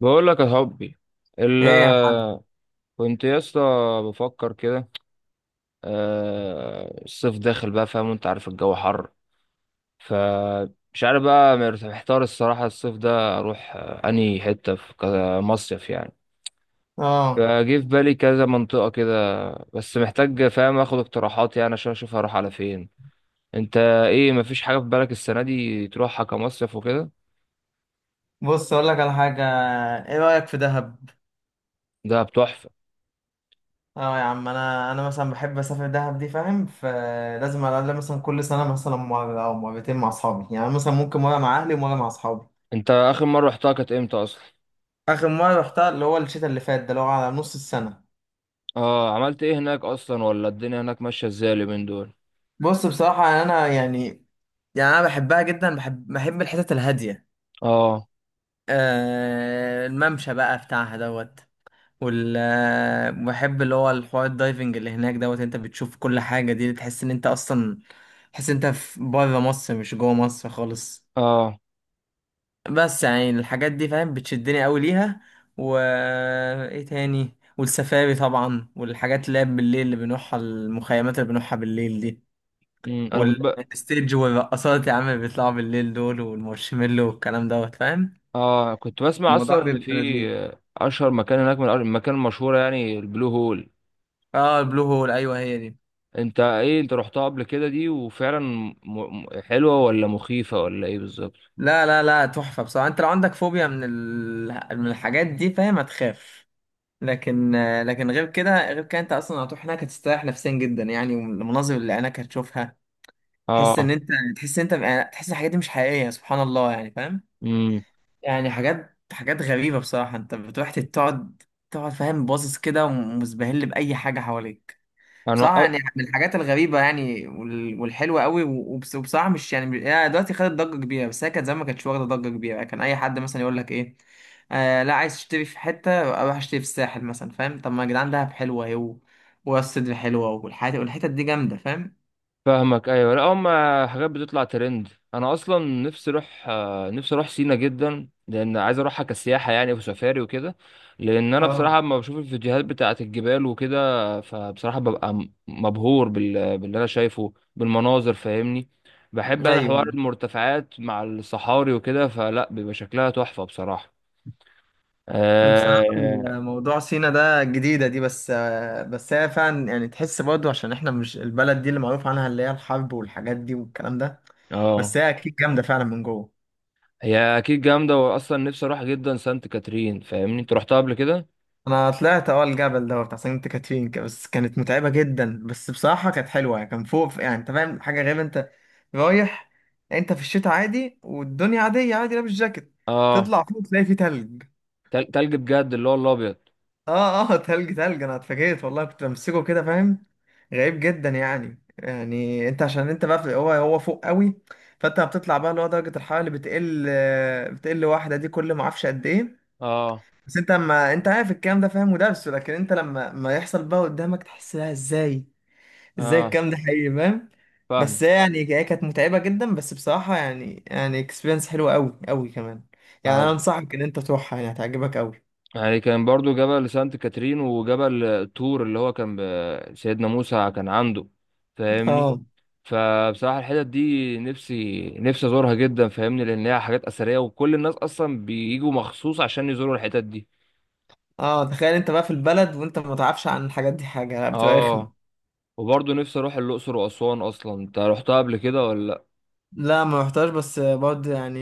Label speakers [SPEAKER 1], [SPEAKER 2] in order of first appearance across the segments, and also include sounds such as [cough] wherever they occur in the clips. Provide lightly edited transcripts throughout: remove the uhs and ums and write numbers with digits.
[SPEAKER 1] بقول لك يا حبي. ال
[SPEAKER 2] ايه يا معلم.
[SPEAKER 1] كنت يا اسطى بفكر كده. الصيف داخل بقى، فاهم؟ وانت عارف الجو حر. فمش عارف بقى، محتار الصراحة. الصيف ده اروح انهي حتة، في كذا مصيف يعني.
[SPEAKER 2] اه.
[SPEAKER 1] فجه في بالي كذا منطقة كده. بس محتاج، فاهم، اخد اقتراحات يعني عشان اشوف هروح على فين. انت ايه؟ مفيش حاجة في بالك السنة دي تروحها كمصيف وكده؟
[SPEAKER 2] بص اقول لك على حاجه. ايه رايك في دهب؟
[SPEAKER 1] ده بتحفة.
[SPEAKER 2] اه يا عم، انا مثلا بحب اسافر دهب دي، فاهم؟ فلازم على الاقل مثلا كل سنه مثلا مره او مرتين مع اصحابي، يعني مثلا ممكن مره مع اهلي ومره مع اصحابي.
[SPEAKER 1] انت اخر مرة رحتها كانت امتى اصلا؟
[SPEAKER 2] اخر مره رحتها اللي هو الشتاء اللي فات ده، اللي هو على نص السنه.
[SPEAKER 1] اه، عملت ايه هناك اصلا، ولا الدنيا هناك ماشيه ازاي اليومين دول؟
[SPEAKER 2] بص بصراحه يعني انا يعني، يعني انا بحبها جدا، بحب الحتت الهاديه.
[SPEAKER 1] اه،
[SPEAKER 2] آه، الممشى بقى بتاعها دوت، وال بحب اللي هو الحوار الدايفنج اللي هناك دوت. انت بتشوف كل حاجة دي تحس ان انت اصلا تحس ان انت في بره مصر مش جوه مصر خالص.
[SPEAKER 1] اه.
[SPEAKER 2] بس يعني الحاجات دي فاهم بتشدني قوي ليها. و ايه تاني؟ والسفاري طبعا، والحاجات اللي هي بالليل اللي بنروحها، المخيمات اللي بنروحها بالليل دي،
[SPEAKER 1] انا كنت ب...
[SPEAKER 2] والستيج والرقصات يا عم اللي بيطلعوا بالليل دول، والمارشميلو والكلام دوت فاهم.
[SPEAKER 1] اه، كنت بسمع اصلا
[SPEAKER 2] الموضوع
[SPEAKER 1] ان
[SPEAKER 2] بيبقى
[SPEAKER 1] في
[SPEAKER 2] لذيذ.
[SPEAKER 1] اشهر مكان هناك من المكان المشهوره يعني، البلو هول.
[SPEAKER 2] اه، البلو هول، ايوه هي دي.
[SPEAKER 1] انت ايه، انت رحتها قبل كده دي؟ وفعلا حلوه ولا مخيفه ولا ايه بالظبط؟
[SPEAKER 2] لا لا لا، تحفة بصراحة. انت لو عندك فوبيا من من الحاجات دي فاهم هتخاف. لكن، لكن غير كده، غير كده انت اصلا هتروح هناك هتستريح نفسيا جدا يعني، والمناظر اللي عينك هتشوفها تحس
[SPEAKER 1] اه.
[SPEAKER 2] ان انت، تحس ان انت يعني تحس الحاجات دي مش حقيقية، سبحان الله، يعني فاهم.
[SPEAKER 1] امم
[SPEAKER 2] يعني حاجات غريبة بصراحة. انت بتروح تقعد، تقعد فاهم باصص كده ومزبهل بأي حاجة حواليك.
[SPEAKER 1] انا
[SPEAKER 2] بصراحة يعني من الحاجات الغريبة يعني، والحلوة قوي. وبس- وبصراحة مش يعني مش- هي دلوقتي خدت ضجة كبيرة، بس هي كانت زمان ما كانتش واخدة ضجة كبيرة، يعني كان أي حد مثلا يقول لك إيه، آه لا، عايز تشتري في حتة، أروح أشتري في الساحل مثلا، فاهم؟ طب ما يا جدعان دهب حلوة أهي، وراس سدر حلوة، والحتت دي جامدة فاهم.
[SPEAKER 1] فاهمك، ايوه، لا هم حاجات بتطلع ترند. انا اصلا نفسي اروح، نفسي اروح سينا جدا، لان عايز اروحها كسياحه يعني، وسفاري وكده. لان انا بصراحه
[SPEAKER 2] اه،
[SPEAKER 1] لما بشوف الفيديوهات بتاعه الجبال وكده، فبصراحه ببقى مبهور باللي انا شايفه بالمناظر، فاهمني؟ بحب انا حوار
[SPEAKER 2] ايوه.
[SPEAKER 1] المرتفعات مع الصحاري وكده، فلا بيبقى شكلها تحفه بصراحه.
[SPEAKER 2] بصراحة
[SPEAKER 1] اه.
[SPEAKER 2] الموضوع سينا ده جديدة دي، بس بس هي فعلا يعني تحس برضو عشان احنا مش البلد دي اللي معروف عنها اللي هي الحرب والحاجات دي والكلام ده. بس
[SPEAKER 1] آه.
[SPEAKER 2] هي اكيد جامدة فعلا من جوه.
[SPEAKER 1] هي اكيد جامده، واصلا نفسي اروح جدا سانت كاترين، فاهمني؟ انت رحتها قبل كده؟
[SPEAKER 2] انا طلعت اه الجبل ده بتاع سانت كاترين كده، بس كانت متعبه جدا، بس بصراحه كانت حلوه، يعني كان فوق يعني انت فاهم حاجه غريبه. انت رايح، انت في الشتاء عادي والدنيا عاديه، عادي لابس جاكيت،
[SPEAKER 1] اه،
[SPEAKER 2] تطلع فوق تلاقي فيه تلج.
[SPEAKER 1] تلج بجد، اللي هو الابيض؟
[SPEAKER 2] اه اه [laughs] تلج، تلج، انا اتفاجئت والله، كنت بمسكه كده فاهم. غريب جدا يعني، يعني انت عشان انت بقى في هو فوق قوي، فانت بتطلع بقى اللي هو درجه الحراره اللي بتقل، بتقل واحده دي كل ما اعرفش قد ايه.
[SPEAKER 1] اه،
[SPEAKER 2] بس انت ما انت عارف الكلام ده فاهم ودرسه، لكن انت لما ما يحصل بقى قدامك تحس لها ازاي، ازاي
[SPEAKER 1] اه،
[SPEAKER 2] الكلام ده حقيقي فاهم.
[SPEAKER 1] فاهم.
[SPEAKER 2] بس هي يعني هي كانت متعبة جدا، بس بصراحة يعني، يعني اكسبيرينس حلوة قوي قوي كمان. يعني انا
[SPEAKER 1] انا
[SPEAKER 2] انصحك ان انت تروحها، يعني هتعجبك قوي.
[SPEAKER 1] يعني كان برضو جبل سانت كاترين وجبل طور، اللي هو كان سيدنا موسى كان عنده، فاهمني؟
[SPEAKER 2] اه
[SPEAKER 1] فبصراحة الحتت دي نفسي نفسي ازورها جدا، فاهمني؟ لان هي حاجات اثرية، وكل الناس اصلا بيجوا مخصوص عشان يزوروا الحتت دي.
[SPEAKER 2] اه. تخيل انت بقى في البلد وانت ما تعرفش عن الحاجات دي حاجة، لا بتبقى
[SPEAKER 1] اه.
[SPEAKER 2] رخمة.
[SPEAKER 1] وبرضو نفسي اروح الاقصر واسوان اصلا. انت رحتها قبل كده ولا لا؟
[SPEAKER 2] لا ما رحتهاش، بس برضه يعني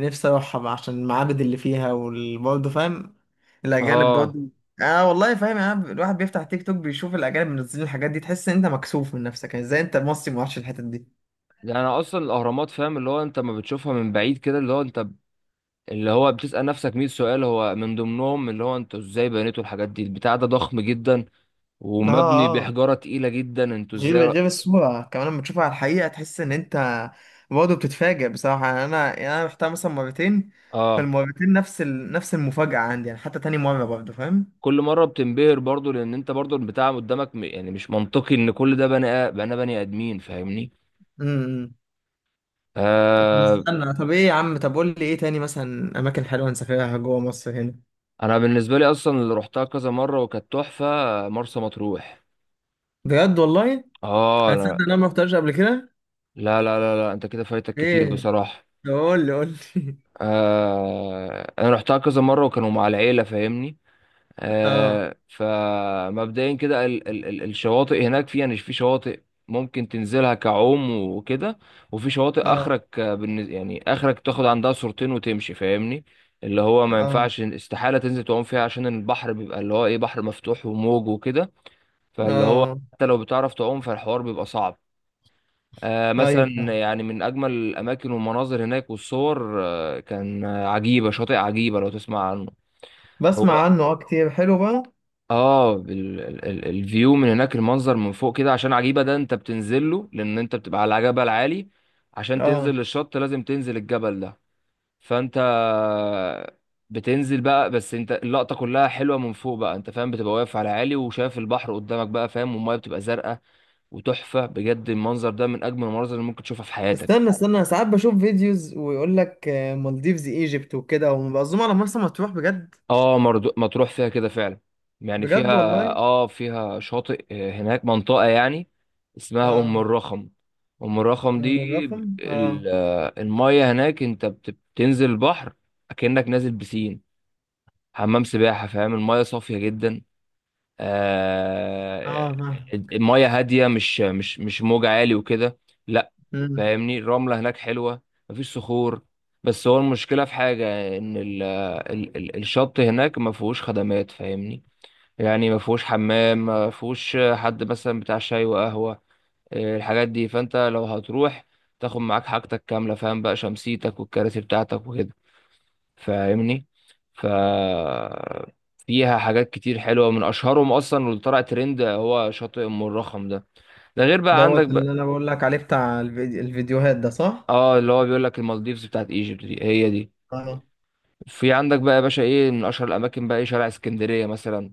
[SPEAKER 2] نفسي اروحها عشان المعابد اللي فيها، وبرضه فاهم الاجانب
[SPEAKER 1] اه.
[SPEAKER 2] برضه. اه والله، فاهم يعني الواحد بيفتح تيك توك بيشوف الاجانب منزلين الحاجات دي، تحس ان انت مكسوف من نفسك يعني، ازاي انت مصري ما رحتش الحتت دي.
[SPEAKER 1] يعني اصلا الاهرامات، فاهم؟ اللي هو انت ما بتشوفها من بعيد كده، اللي هو انت اللي هو بتسأل نفسك 100 سؤال، هو من ضمنهم اللي هو انتوا ازاي بنيتوا الحاجات دي؟ البتاع ده ضخم جدا،
[SPEAKER 2] اه
[SPEAKER 1] ومبني
[SPEAKER 2] اه.
[SPEAKER 1] بحجارة تقيلة جدا، انتوا
[SPEAKER 2] غير
[SPEAKER 1] ازاي ر...
[SPEAKER 2] غير الصورة كمان لما تشوفها على الحقيقة تحس ان انت برضه بتتفاجئ بصراحة، يعني انا، يعني انا رحتها مثلا مرتين.
[SPEAKER 1] اه،
[SPEAKER 2] فالمرتين نفس نفس المفاجأة عندي، يعني حتى تاني مرة برضه
[SPEAKER 1] كل مرة بتنبهر برضو، لان انت برضو البتاع قدامك م... يعني مش منطقي ان كل ده بني آ- بني بني ادمين، فاهمني؟
[SPEAKER 2] فاهم. طب
[SPEAKER 1] آه
[SPEAKER 2] استنى، طب ايه يا عم، طب قول لي ايه تاني مثلا اماكن حلوه نسافرها جوه مصر هنا؟
[SPEAKER 1] انا بالنسبة لي اصلا اللي روحتها كذا مرة وكانت تحفة، مرسى مطروح.
[SPEAKER 2] بجد والله،
[SPEAKER 1] اه،
[SPEAKER 2] انا صدق إن
[SPEAKER 1] لا،
[SPEAKER 2] انا ما رحتش قبل كده.
[SPEAKER 1] لا، لا، لا، لا. انت كده فايتك كتير
[SPEAKER 2] ايه؟
[SPEAKER 1] بصراحة.
[SPEAKER 2] طب قول لي، قول لي.
[SPEAKER 1] انا روحتها كذا مرة وكانوا مع العيلة، فاهمني؟
[SPEAKER 2] [laughs] اه
[SPEAKER 1] فمبدئيا كده ال ال ال الشواطئ هناك فيها، يعني في شواطئ ممكن تنزلها كعوم وكده، وفي شواطئ
[SPEAKER 2] اه.
[SPEAKER 1] اخرك، يعني اخرك تاخد عندها صورتين وتمشي، فاهمني؟ اللي هو ما
[SPEAKER 2] اه
[SPEAKER 1] ينفعش، استحالة تنزل تعوم فيها عشان البحر بيبقى اللي هو ايه، بحر مفتوح وموج وكده. فاللي هو
[SPEAKER 2] اه.
[SPEAKER 1] حتى لو بتعرف تعوم فالحوار بيبقى صعب. مثلا،
[SPEAKER 2] ايوه فاهم.
[SPEAKER 1] يعني من اجمل الاماكن والمناظر هناك والصور كان، عجيبة، شاطئ عجيبة لو تسمع عنه. هو
[SPEAKER 2] بسمع عنه اه كتير، حلو بقى.
[SPEAKER 1] اه الفيو من هناك، المنظر من فوق كده، عشان عجيبة ده انت بتنزل له، لان انت بتبقى على جبل عالي. عشان تنزل
[SPEAKER 2] اه.
[SPEAKER 1] للشط لازم تنزل الجبل ده. فانت بتنزل بقى، بس انت اللقطة كلها حلوة من فوق بقى، انت فاهم؟ بتبقى واقف على عالي وشايف البحر قدامك بقى، فاهم؟ والمية بتبقى زرقاء وتحفة. بجد المنظر ده من اجمل المناظر اللي ممكن تشوفها في
[SPEAKER 2] استنى
[SPEAKER 1] حياتك.
[SPEAKER 2] استنى، ساعات بشوف فيديوز ويقول لك آه، مالديفز ايجيبت وكده، ومبقى على مرسى مطروح بجد؟
[SPEAKER 1] اه، مرضو... مطروح فيها كده فعلا، يعني فيها.
[SPEAKER 2] بجد والله.
[SPEAKER 1] اه، فيها شاطئ، هناك منطقة يعني اسمها أم
[SPEAKER 2] اه.
[SPEAKER 1] الرخم. أم الرخم دي
[SPEAKER 2] أم الرقم اه.
[SPEAKER 1] ال... آه، المية هناك، انت بتنزل البحر، أكنك نازل بسين، حمام سباحة، فاهم؟ المية صافية جدا، آه...
[SPEAKER 2] اه
[SPEAKER 1] المية هادية، مش موج عالي وكده، لا.
[SPEAKER 2] فاهم.
[SPEAKER 1] فاهمني؟ الرملة هناك حلوة، مفيش صخور. بس هو المشكلة في حاجة، إن ال ال ال الشط هناك ما فيهوش خدمات، فاهمني؟ يعني ما فيهوش حمام، ما فيهوش حد مثلا بتاع شاي وقهوة، إيه الحاجات دي. فأنت لو هتروح تاخد معاك حاجتك كاملة، فاهم؟ بقى شمسيتك والكراسي بتاعتك وكده، فاهمني؟ ف فيها حاجات كتير حلوة، من أشهرهم أصلا واللي طلع ترند هو شاطئ أم الرخم ده. ده غير بقى عندك
[SPEAKER 2] دوت اللي
[SPEAKER 1] بقى.
[SPEAKER 2] انا بقول لك عليه بتاع الفيديو، الفيديوهات ده صح؟
[SPEAKER 1] اه، اللي هو بيقول لك المالديفز بتاعت ايجيبت، دي هي دي.
[SPEAKER 2] اه.
[SPEAKER 1] في عندك بقى يا باشا ايه، من اشهر الاماكن بقى ايه، شارع اسكندريه مثلا.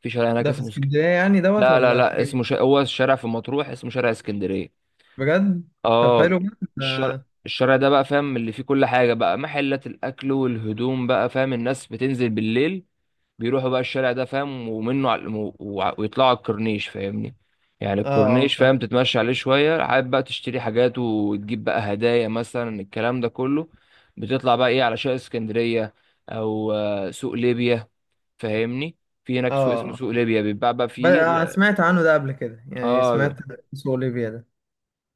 [SPEAKER 1] في شارع هناك
[SPEAKER 2] ده في
[SPEAKER 1] اسمه سك...
[SPEAKER 2] اسكندرية يعني دوت،
[SPEAKER 1] لا، لا،
[SPEAKER 2] ولا
[SPEAKER 1] لا، اسمه
[SPEAKER 2] فين؟
[SPEAKER 1] ش... هو الشارع في مطروح اسمه شارع اسكندريه.
[SPEAKER 2] بجد؟ طب
[SPEAKER 1] اه،
[SPEAKER 2] حلو بقى
[SPEAKER 1] الشارع،
[SPEAKER 2] ده-
[SPEAKER 1] الشارع ده بقى، فاهم؟ اللي فيه كل حاجه بقى، محلات الاكل والهدوم بقى، فاهم؟ الناس بتنزل بالليل، بيروحوا بقى الشارع ده، فاهم؟ ومنه على ويطلعوا على الكورنيش، فاهمني؟ يعني
[SPEAKER 2] اه اه
[SPEAKER 1] الكورنيش،
[SPEAKER 2] فاهم.
[SPEAKER 1] فاهم؟ تتمشى عليه شوية، حابب بقى تشتري حاجات وتجيب بقى هدايا مثلا، الكلام ده كله. بتطلع بقى ايه على شارع اسكندرية، او سوق ليبيا، فاهمني؟ في
[SPEAKER 2] اه.
[SPEAKER 1] هناك سوق اسمه
[SPEAKER 2] آه.
[SPEAKER 1] سوق ليبيا، بيتباع بقى فيه
[SPEAKER 2] بقى سمعت عنه ده قبل كده، يعني
[SPEAKER 1] اه.
[SPEAKER 2] سمعت اسمه اوليفيا ده.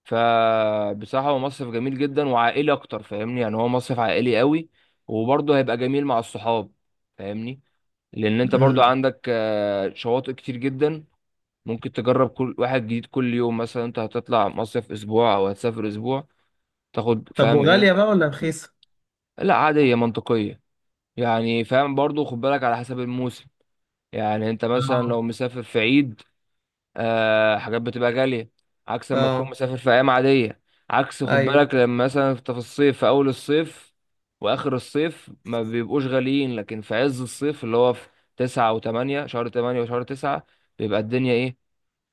[SPEAKER 1] فبصراحة هو مصيف جميل جدا وعائلي اكتر، فاهمني؟ يعني هو مصيف عائلي قوي، وبرضه هيبقى جميل مع الصحاب، فاهمني؟ لان انت برضه
[SPEAKER 2] امم.
[SPEAKER 1] عندك شواطئ كتير جدا، ممكن تجرب كل واحد جديد كل يوم. مثلا انت هتطلع مصيف اسبوع، او هتسافر اسبوع، تاخد
[SPEAKER 2] طب
[SPEAKER 1] فاهم ايه.
[SPEAKER 2] وغالية بقى ولا رخيصة؟
[SPEAKER 1] لا، عادية منطقية، يعني فاهم؟ برضو خد بالك على حسب الموسم. يعني انت مثلا
[SPEAKER 2] اه.
[SPEAKER 1] لو مسافر في عيد، حاجات بتبقى غالية، عكس لما تكون
[SPEAKER 2] اه.
[SPEAKER 1] مسافر في ايام عادية. عكس خد
[SPEAKER 2] ايوه
[SPEAKER 1] بالك لما مثلا انت في الصيف، في اول الصيف واخر الصيف ما بيبقوش غاليين. لكن في عز الصيف، اللي هو في تسعة وتمانية، شهر 8 وشهر تسعة، بيبقى الدنيا ايه،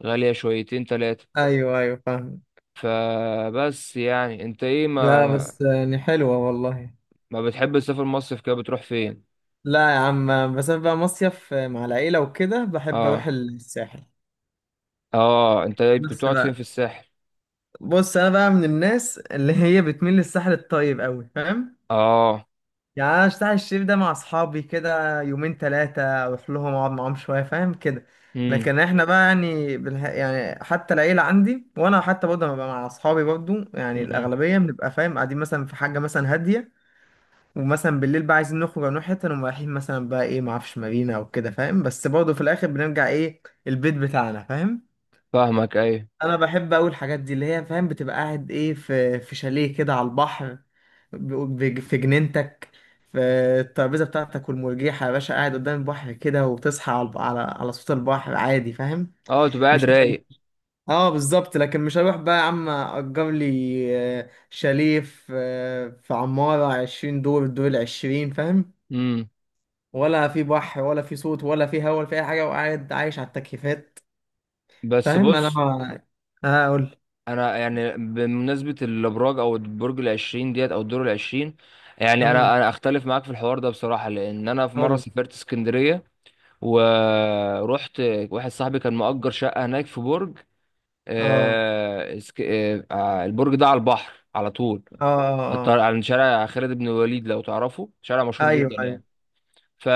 [SPEAKER 1] غالية شويتين تلاتة.
[SPEAKER 2] ايوه. ايوه فاهم.
[SPEAKER 1] فبس يعني انت ايه،
[SPEAKER 2] لا
[SPEAKER 1] ما
[SPEAKER 2] بس يعني حلوة والله.
[SPEAKER 1] ما بتحب تسافر مصيف كده؟ بتروح فين؟
[SPEAKER 2] لا يا عم، بس أنا بقى مصيف مع العيلة وكده بحب اروح
[SPEAKER 1] اه،
[SPEAKER 2] الساحل.
[SPEAKER 1] اه، انت ايه، كنت
[SPEAKER 2] بس
[SPEAKER 1] بتقعد فين في
[SPEAKER 2] بقى،
[SPEAKER 1] الساحل؟
[SPEAKER 2] بص انا بقى من الناس اللي هي بتميل للساحل الطيب قوي فاهم.
[SPEAKER 1] اه.
[SPEAKER 2] يعني انا الساحل الشريف ده مع اصحابي كده يومين ثلاثه اروح لهم اقعد معاهم شويه فاهم كده.
[SPEAKER 1] امم
[SPEAKER 2] لكن احنا بقى يعني يعني حتى العيله عندي، وانا حتى برضه لما ببقى مع اصحابي برضه، يعني
[SPEAKER 1] امم
[SPEAKER 2] الاغلبيه بنبقى فاهم قاعدين مثلا في حاجه مثلا هاديه. ومثلا بالليل بقى عايزين نخرج أو نروح حته، نقوم رايحين مثلا بقى ايه، معرفش مارينا او كده فاهم، بس برضه في الاخر بنرجع ايه البيت بتاعنا فاهم.
[SPEAKER 1] فاهمك ايوه.
[SPEAKER 2] انا بحب اقول الحاجات دي اللي هي فاهم بتبقى قاعد ايه في شاليه كده على البحر، ب- في جنينتك، في الترابيزه بتاعتك والمرجيحه يا باشا، قاعد قدام البحر كده، وتصحى على على على صوت البحر عادي فاهم.
[SPEAKER 1] اه، تبقى قاعد
[SPEAKER 2] مش
[SPEAKER 1] رايق.
[SPEAKER 2] [laughs] اه بالظبط. لكن مش هروح بقى يا عم اجر لي آه، شاليه في آه، في عماره 20 دور، الدور العشرين فاهم،
[SPEAKER 1] امم
[SPEAKER 2] ولا في بحر ولا في صوت ولا في هوا ولا في اي حاجه، وقاعد عايش على التكييفات.
[SPEAKER 1] بس
[SPEAKER 2] فاهم انا
[SPEAKER 1] بص،
[SPEAKER 2] ما- اه قول.
[SPEAKER 1] انا يعني بمناسبة الابراج، او البرج العشرين ديت، او الدور العشرين، يعني
[SPEAKER 2] امم
[SPEAKER 1] انا اختلف معاك في الحوار ده بصراحة. لان انا في مرة
[SPEAKER 2] قول.
[SPEAKER 1] سافرت اسكندرية، ورحت، واحد صاحبي كان مأجر شقة هناك في برج،
[SPEAKER 2] اه
[SPEAKER 1] البرج ده على البحر على طول،
[SPEAKER 2] اه. اه. آه.
[SPEAKER 1] على شارع خالد بن الوليد لو تعرفه، شارع مشهور
[SPEAKER 2] ايوه
[SPEAKER 1] جدا يعني.
[SPEAKER 2] ايوه.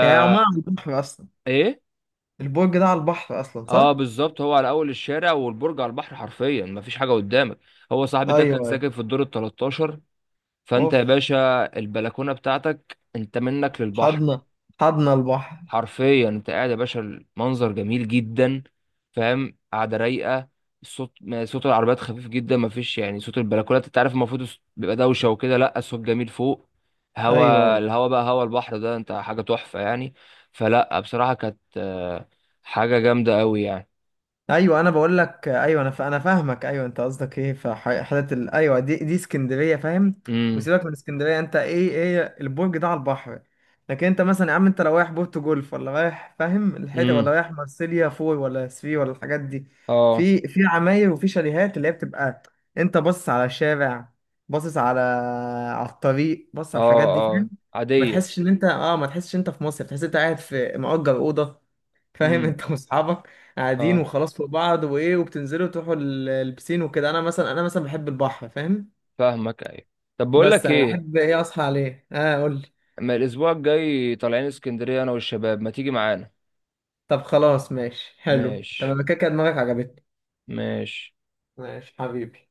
[SPEAKER 2] يعني عمان على البحر اصلا،
[SPEAKER 1] ايه،
[SPEAKER 2] البرج ده على البحر اصلا
[SPEAKER 1] اه
[SPEAKER 2] صح؟
[SPEAKER 1] بالظبط، هو على اول الشارع، والبرج على البحر حرفيا، مفيش حاجه قدامك. هو صاحبي
[SPEAKER 2] ايوه
[SPEAKER 1] ده كان
[SPEAKER 2] ايوه.
[SPEAKER 1] ساكن في الدور ال 13. فانت يا
[SPEAKER 2] اوف،
[SPEAKER 1] باشا البلكونه بتاعتك انت منك للبحر،
[SPEAKER 2] حضنا، حضنا البحر.
[SPEAKER 1] حرفيا. انت قاعد يا باشا، المنظر جميل جدا، فاهم؟ قاعده رايقه. الصوت صوت العربيات خفيف جدا، ما فيش يعني. صوت البلكونات انت عارف، المفروض بيبقى دوشه وكده، لا الصوت جميل فوق.
[SPEAKER 2] ايوه أيوه.
[SPEAKER 1] الهوا بقى هوا البحر ده انت، حاجه تحفه يعني. فلا بصراحه كانت حاجه جامده قوي يعني.
[SPEAKER 2] ايوه انا بقول لك ايوه، انا فاهمك ايوه، انت قصدك ايه في حتت ايوه دي دي اسكندريه فاهم.
[SPEAKER 1] امم،
[SPEAKER 2] وسيبك من اسكندريه، انت ايه، ايه البرج ده على البحر، لكن انت مثلا يا عم انت لو رايح بورتو جولف، ولا رايح فاهم الحته، ولا
[SPEAKER 1] امم.
[SPEAKER 2] رايح مارسيليا فور، ولا سفي، ولا الحاجات دي،
[SPEAKER 1] اه،
[SPEAKER 2] في عماير وفي شاليهات اللي هي بتبقى انت باصص على الشارع، باصص على على الطريق، باصص
[SPEAKER 1] اه،
[SPEAKER 2] على الحاجات دي
[SPEAKER 1] اه،
[SPEAKER 2] فاهم. ما
[SPEAKER 1] عاديه.
[SPEAKER 2] تحسش ان انت اه ما تحسش ان انت في مصر، تحس ان انت قاعد في مأجر اوضه فاهم، [laughs]
[SPEAKER 1] امم،
[SPEAKER 2] انت واصحابك قاعدين
[SPEAKER 1] اه،
[SPEAKER 2] وخلاص فوق بعض، وايه، وبتنزلوا تروحوا البسين وكده. انا مثلا، انا مثلا بحب البحر فاهم.
[SPEAKER 1] فاهمك ايوه. طب بقول
[SPEAKER 2] بس
[SPEAKER 1] لك
[SPEAKER 2] انا
[SPEAKER 1] ايه،
[SPEAKER 2] بحب ايه اصحى عليه. اه قول لي.
[SPEAKER 1] اما الاسبوع الجاي طالعين اسكندريه انا والشباب، ما تيجي معانا؟
[SPEAKER 2] طب خلاص ماشي، حلو
[SPEAKER 1] ماشي،
[SPEAKER 2] تمام كده، كده دماغك عجبتني.
[SPEAKER 1] ماشي.
[SPEAKER 2] ماشي حبيبي.